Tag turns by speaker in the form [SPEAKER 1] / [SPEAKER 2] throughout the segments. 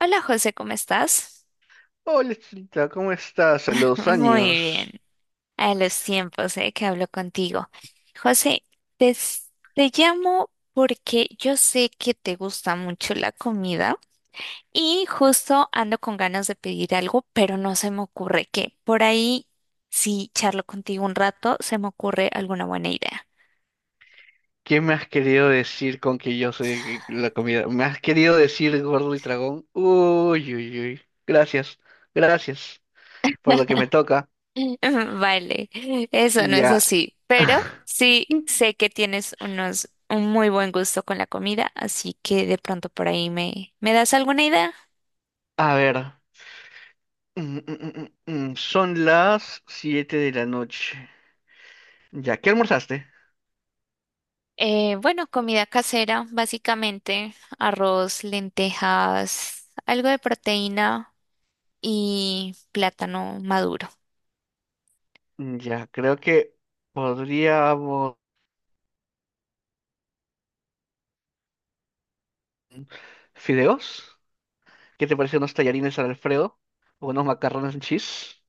[SPEAKER 1] Hola José, ¿cómo estás?
[SPEAKER 2] Hola, Chinita, ¿cómo estás? A los
[SPEAKER 1] Muy bien,
[SPEAKER 2] años.
[SPEAKER 1] a los tiempos que hablo contigo. José, te, s- te llamo porque yo sé que te gusta mucho la comida y justo ando con ganas de pedir algo, pero no se me ocurre qué. Por ahí, si charlo contigo un rato, se me ocurre alguna buena idea.
[SPEAKER 2] ¿Qué me has querido decir con que yo soy la comida? ¿Me has querido decir gordo y dragón? Uy, uy, uy. Gracias, gracias por lo que me toca.
[SPEAKER 1] Vale, eso no es
[SPEAKER 2] Ya.
[SPEAKER 1] así, pero sí sé que tienes unos un muy buen gusto con la comida, así que de pronto por ahí ¿me das alguna idea?
[SPEAKER 2] A ver, son las 7 de la noche. Ya, ¿qué almorzaste?
[SPEAKER 1] Bueno, comida casera, básicamente arroz, lentejas, algo de proteína y plátano maduro.
[SPEAKER 2] Ya, creo que podríamos. ¿Fideos? ¿Qué te parecen unos tallarines al Alfredo? ¿O unos macarrones en cheese?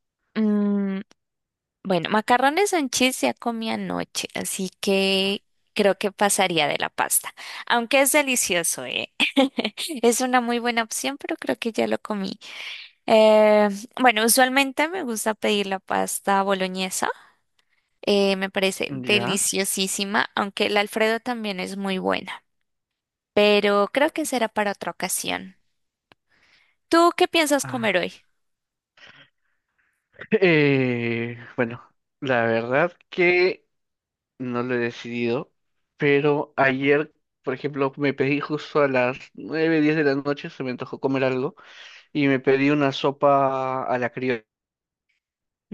[SPEAKER 1] Bueno, macarrones en cheese ya comí anoche, así que creo que pasaría de la pasta. Aunque es delicioso, ¿eh? Es una muy buena opción, pero creo que ya lo comí. Eh, bueno, usualmente me gusta pedir la pasta boloñesa. Me parece
[SPEAKER 2] Ya.
[SPEAKER 1] deliciosísima, aunque el Alfredo también es muy buena. Pero creo que será para otra ocasión. ¿Tú qué piensas comer
[SPEAKER 2] Ah.
[SPEAKER 1] hoy?
[SPEAKER 2] Bueno, la verdad que no lo he decidido, pero ayer, por ejemplo, me pedí justo a las 9:10 de la noche, se me antojó comer algo, y me pedí una sopa a la criolla,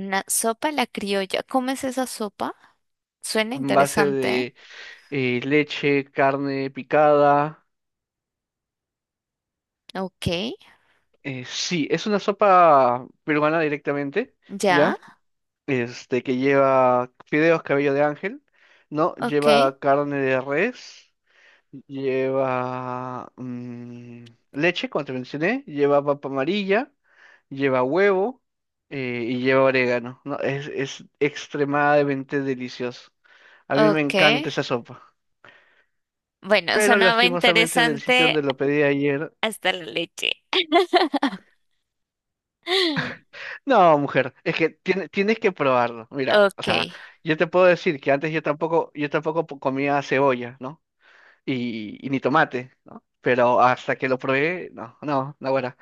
[SPEAKER 1] Una sopa a la criolla. ¿Comes esa sopa? Suena
[SPEAKER 2] en base
[SPEAKER 1] interesante. ¿Eh?
[SPEAKER 2] de leche, carne picada.
[SPEAKER 1] Ok,
[SPEAKER 2] Sí, es una sopa peruana directamente, ¿ya?
[SPEAKER 1] ya.
[SPEAKER 2] Este, que lleva fideos cabello de ángel, ¿no?
[SPEAKER 1] Ok,
[SPEAKER 2] Lleva carne de res. Lleva leche, como te mencioné, lleva papa amarilla, lleva huevo y lleva orégano. No, es extremadamente delicioso. A mí me
[SPEAKER 1] ok.
[SPEAKER 2] encanta esa sopa.
[SPEAKER 1] Bueno,
[SPEAKER 2] Pero
[SPEAKER 1] sonaba
[SPEAKER 2] lastimosamente del sitio
[SPEAKER 1] interesante
[SPEAKER 2] donde lo pedí ayer.
[SPEAKER 1] hasta la leche.
[SPEAKER 2] No, mujer, es que tienes que probarlo. Mira, o
[SPEAKER 1] Ok,
[SPEAKER 2] sea, yo te puedo decir que antes yo tampoco comía cebolla, ¿no? Y ni tomate, ¿no? Pero hasta que lo probé, no, no, no, bueno,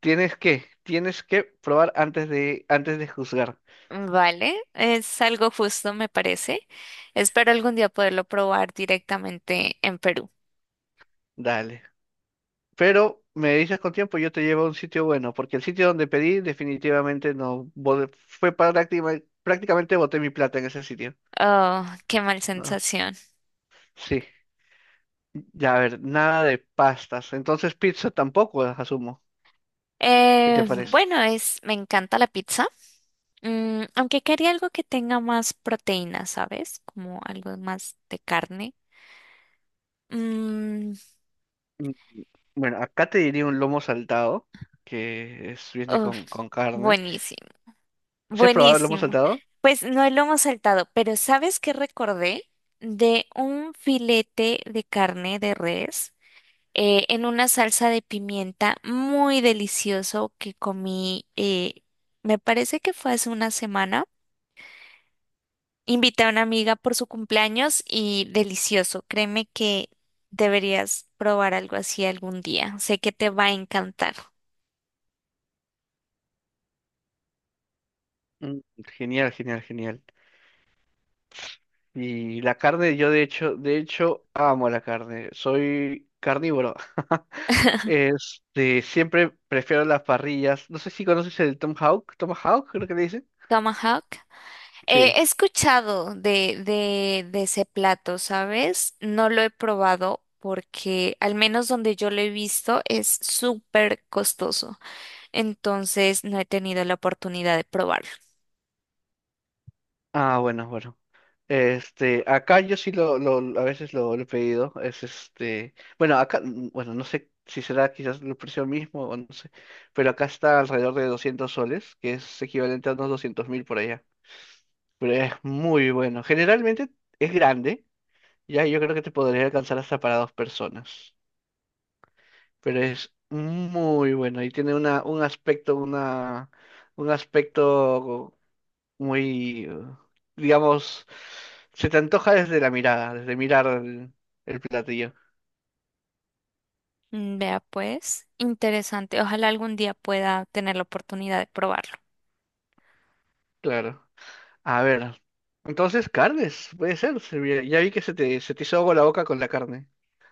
[SPEAKER 2] tienes que probar antes de juzgar.
[SPEAKER 1] vale. Es algo justo, me parece. Espero algún día poderlo probar directamente en Perú.
[SPEAKER 2] Dale. Pero me dices con tiempo, yo te llevo a un sitio bueno, porque el sitio donde pedí definitivamente no bo- fue prácticamente boté mi plata en ese sitio.
[SPEAKER 1] Oh, qué mal
[SPEAKER 2] No.
[SPEAKER 1] sensación.
[SPEAKER 2] Sí. Ya, a ver, nada de pastas. Entonces pizza tampoco, asumo. ¿Qué te parece?
[SPEAKER 1] Bueno, es, me encanta la pizza. Mm, aunque quería algo que tenga más proteína, ¿sabes? Como algo más de carne. Mm,
[SPEAKER 2] Mm, Bueno, acá te diría un lomo saltado, viene
[SPEAKER 1] uf,
[SPEAKER 2] con carne.
[SPEAKER 1] buenísimo.
[SPEAKER 2] ¿Se has probado el lomo
[SPEAKER 1] Buenísimo.
[SPEAKER 2] saltado?
[SPEAKER 1] Pues no lo hemos saltado, pero ¿sabes qué recordé? De un filete de carne de res en una salsa de pimienta muy delicioso que comí, me parece que fue hace una semana. Invité a una amiga por su cumpleaños y delicioso. Créeme que deberías probar algo así algún día. Sé que te va a encantar.
[SPEAKER 2] Mm, Genial, genial, genial. Y la carne, yo de hecho, amo la carne. Soy carnívoro. Este, siempre prefiero las parrillas. No sé si conoces el Tom Hawk, Tomahawk, creo que le dicen.
[SPEAKER 1] Tomahawk.
[SPEAKER 2] Sí.
[SPEAKER 1] He escuchado de ese plato, ¿sabes? No lo he probado porque al menos donde yo lo he visto es súper costoso. Entonces no he tenido la oportunidad de probarlo.
[SPEAKER 2] Ah, bueno, bueno. Este, acá yo sí a veces lo he pedido. Es este, bueno, acá, bueno, no sé si será quizás el precio mismo o no sé, pero acá está alrededor de 200 soles, que es equivalente a unos 200 mil por allá. Pero es muy bueno. Generalmente es grande. Ya, yo creo que te podría alcanzar hasta para dos personas. Pero es muy bueno y tiene una, un aspecto, un aspecto muy, digamos, se te antoja desde la mirada, desde mirar el platillo.
[SPEAKER 1] Mm, vea pues, interesante. Ojalá algún día pueda tener la oportunidad de probarlo.
[SPEAKER 2] Claro. A ver. Entonces, carnes, puede ser. Ya vi que se te hizo agua la boca con la carne.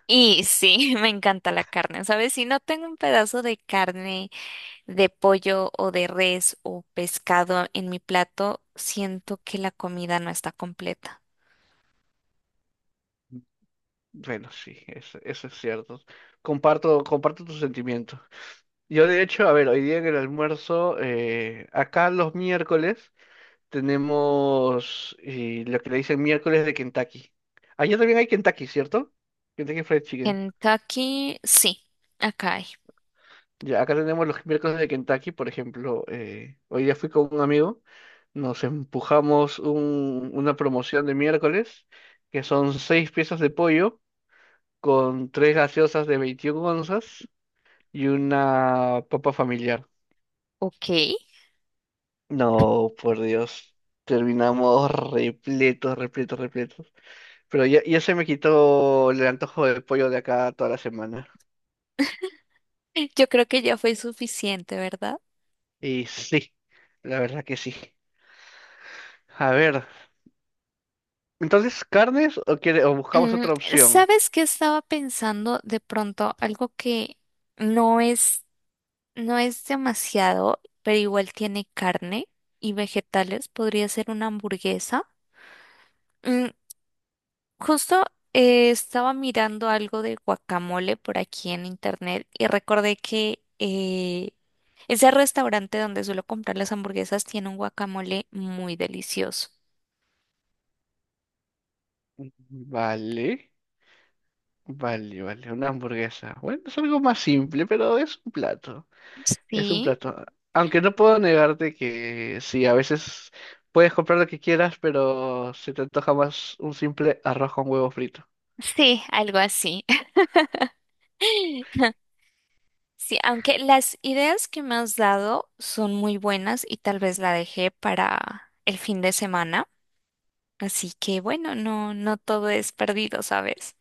[SPEAKER 1] Y sí, me encanta la carne, ¿sabes? Si no tengo un pedazo de carne, de pollo o de res o pescado en mi plato, siento que la comida no está completa.
[SPEAKER 2] Bueno, sí, eso es cierto. Comparto tu sentimiento. Yo de hecho, a ver, hoy día en el almuerzo, acá los miércoles tenemos lo que le dicen miércoles de Kentucky. Allá también hay Kentucky, ¿cierto? Kentucky Fried Chicken.
[SPEAKER 1] Kentucky, sí, acá hay.
[SPEAKER 2] Ya, acá tenemos los miércoles de Kentucky, por ejemplo, hoy día fui con un amigo, nos empujamos una promoción de miércoles, que son seis piezas de pollo con tres gaseosas de 21 onzas y una papa familiar.
[SPEAKER 1] Ok.
[SPEAKER 2] No, por Dios. Terminamos repletos, repletos, repletos. Pero ya, ya se me quitó el antojo del pollo de acá toda la semana.
[SPEAKER 1] Yo creo que ya fue suficiente, ¿verdad?
[SPEAKER 2] Y sí, la verdad que sí. A ver, entonces, ¿carnes o quiere, o buscamos
[SPEAKER 1] Mm,
[SPEAKER 2] otra opción?
[SPEAKER 1] ¿sabes qué estaba pensando de pronto? Algo que no es, no es demasiado, pero igual tiene carne y vegetales. Podría ser una hamburguesa. Mm, justo estaba mirando algo de guacamole por aquí en internet y recordé que ese restaurante donde suelo comprar las hamburguesas tiene un guacamole muy delicioso.
[SPEAKER 2] Vale, vale, vale, una hamburguesa. Bueno, es algo más simple, pero es un plato. Es un
[SPEAKER 1] Sí,
[SPEAKER 2] plato. Aunque no puedo negarte que sí, a veces puedes comprar lo que quieras, pero se te antoja más un simple arroz con huevo frito.
[SPEAKER 1] sí, algo así. Sí, aunque las ideas que me has dado son muy buenas y tal vez la dejé para el fin de semana. Así que bueno, no, no todo es perdido, ¿sabes?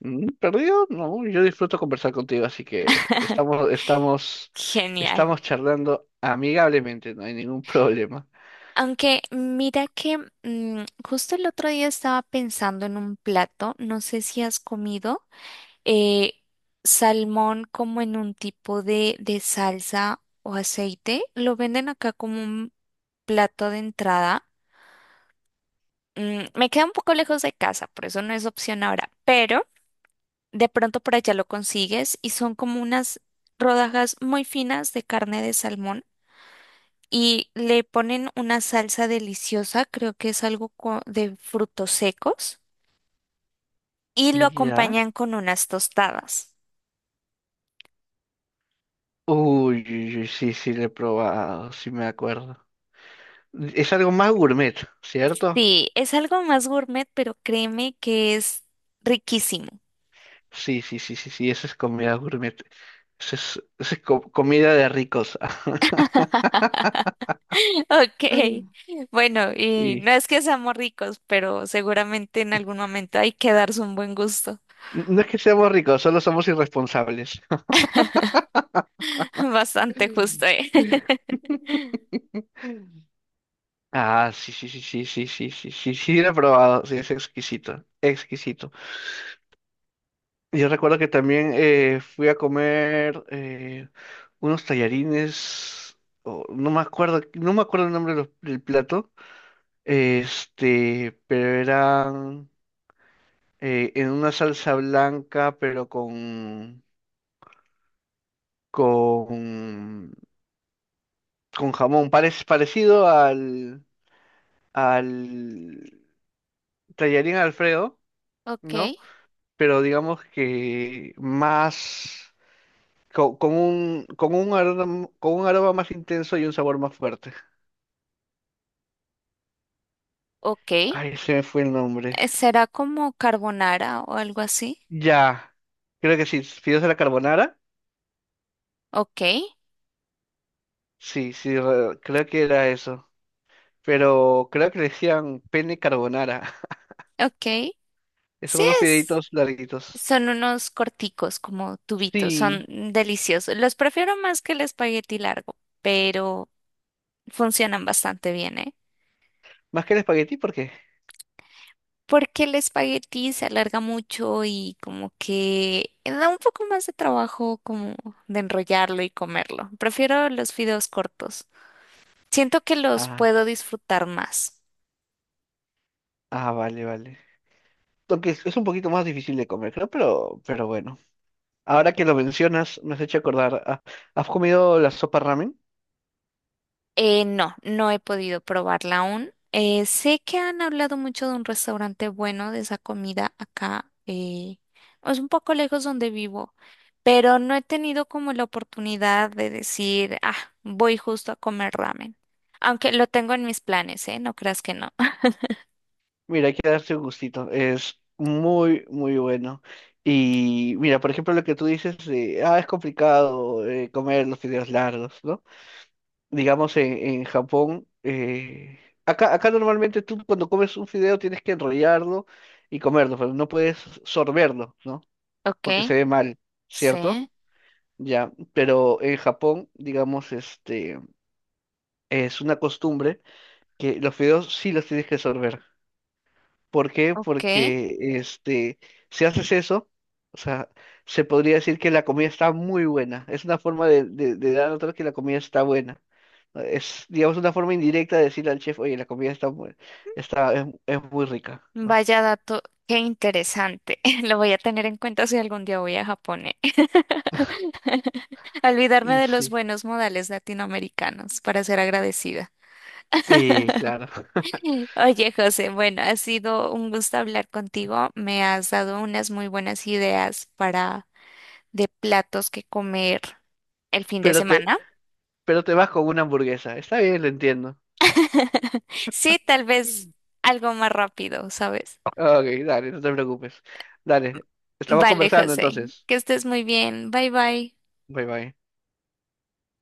[SPEAKER 2] ¿Perdido? No, yo disfruto conversar contigo, así que
[SPEAKER 1] Genial.
[SPEAKER 2] estamos charlando amigablemente, no hay ningún problema.
[SPEAKER 1] Aunque mira que justo el otro día estaba pensando en un plato, no sé si has comido eh, salmón como en un tipo de salsa o aceite, lo venden acá como un plato de entrada. Mm, me queda un poco lejos de casa, por eso no es opción ahora, pero de pronto por allá lo consigues y son como unas rodajas muy finas de carne de salmón y le ponen una salsa deliciosa, creo que es algo de frutos secos, y lo
[SPEAKER 2] ¿Ya?
[SPEAKER 1] acompañan con unas tostadas.
[SPEAKER 2] Uy, uy, uy, sí, sí, lo he probado, sí me acuerdo. Es algo más gourmet, ¿cierto?
[SPEAKER 1] Sí, es algo más gourmet, pero créeme que es riquísimo.
[SPEAKER 2] Sí, sí, sí, sí, sí, eso es comida gourmet. Comida de ricos.
[SPEAKER 1] Ok, bueno, y no
[SPEAKER 2] Y
[SPEAKER 1] es que seamos ricos, pero seguramente en algún momento hay que darse un buen gusto,
[SPEAKER 2] no es que seamos ricos, solo somos irresponsables.
[SPEAKER 1] bastante
[SPEAKER 2] Mm.
[SPEAKER 1] justo, ¿eh?
[SPEAKER 2] Ah, sí, sí, sí, sí, sí, sí, sí, sí, sí, lo he probado, sí, es exquisito, exquisito. Yo recuerdo que también fui a comer unos tallarines, o no me acuerdo, no me acuerdo el nombre de del plato, este, pero eran en una salsa blanca, pero con, con jamón, parecido al tallarín Alfredo,
[SPEAKER 1] Ok,
[SPEAKER 2] ¿no? Pero digamos que más con un aroma, más intenso y un sabor más fuerte.
[SPEAKER 1] ok.
[SPEAKER 2] Ay, se me fue el nombre.
[SPEAKER 1] ¿Será como carbonara o algo así?
[SPEAKER 2] Ya, creo que sí, fideos de la carbonara.
[SPEAKER 1] Ok,
[SPEAKER 2] Sí, sí, creo que era eso. Pero creo que le decían pene carbonara.
[SPEAKER 1] ok. Sí
[SPEAKER 2] Son unos
[SPEAKER 1] es.
[SPEAKER 2] fideitos larguitos.
[SPEAKER 1] Son unos corticos, como tubitos, son
[SPEAKER 2] Sí,
[SPEAKER 1] deliciosos. Los prefiero más que el espagueti largo, pero funcionan bastante bien, ¿eh?
[SPEAKER 2] más que el espagueti, ¿por qué?
[SPEAKER 1] Porque el espagueti se alarga mucho y como que da un poco más de trabajo como de enrollarlo y comerlo. Prefiero los fideos cortos. Siento que los
[SPEAKER 2] Ah,
[SPEAKER 1] puedo disfrutar más.
[SPEAKER 2] ah, vale, vale. Aunque es un poquito más difícil de comer, creo, pero bueno. Ahora que lo mencionas, me has hecho acordar. Ah, ¿has comido la sopa ramen?
[SPEAKER 1] No, no he podido probarla aún. Sé que han hablado mucho de un restaurante bueno de esa comida acá. Es un poco lejos donde vivo, pero no he tenido como la oportunidad de decir, ah, voy justo a comer ramen. Aunque lo tengo en mis planes, ¿eh? No creas que no.
[SPEAKER 2] Mira, hay que darse un gustito. Es muy, muy bueno. Y mira, por ejemplo, lo que tú dices de, ah, es complicado comer los fideos largos, ¿no? Digamos, en Japón, acá normalmente tú cuando comes un fideo tienes que enrollarlo y comerlo, pero no puedes sorberlo, ¿no?
[SPEAKER 1] Ok,
[SPEAKER 2] Porque se ve mal, ¿cierto?
[SPEAKER 1] sí,
[SPEAKER 2] Ya, pero en Japón, digamos, este, es una costumbre que los fideos sí los tienes que sorber. ¿Por qué?
[SPEAKER 1] ok.
[SPEAKER 2] Porque este, si haces eso, o sea, se podría decir que la comida está muy buena. Es una forma de, dar a notar que la comida está buena. Es, digamos, una forma indirecta de decirle al chef, oye, la comida está muy, está, es muy rica, ¿no?
[SPEAKER 1] Vaya dato, qué interesante. Lo voy a tener en cuenta si algún día voy a Japón, ¿eh? Olvidarme
[SPEAKER 2] Y
[SPEAKER 1] de los
[SPEAKER 2] sí,
[SPEAKER 1] buenos modales latinoamericanos para ser agradecida.
[SPEAKER 2] y claro.
[SPEAKER 1] Oye, José, bueno, ha sido un gusto hablar contigo. Me has dado unas muy buenas ideas para de platos que comer el fin de
[SPEAKER 2] Pero te,
[SPEAKER 1] semana.
[SPEAKER 2] pero te vas con una hamburguesa. Está bien, lo entiendo.
[SPEAKER 1] Sí, tal vez algo más rápido, ¿sabes?
[SPEAKER 2] Ok, dale, no te preocupes. Dale, estamos
[SPEAKER 1] Vale,
[SPEAKER 2] conversando
[SPEAKER 1] José,
[SPEAKER 2] entonces.
[SPEAKER 1] que estés muy bien. Bye bye.
[SPEAKER 2] Bye bye.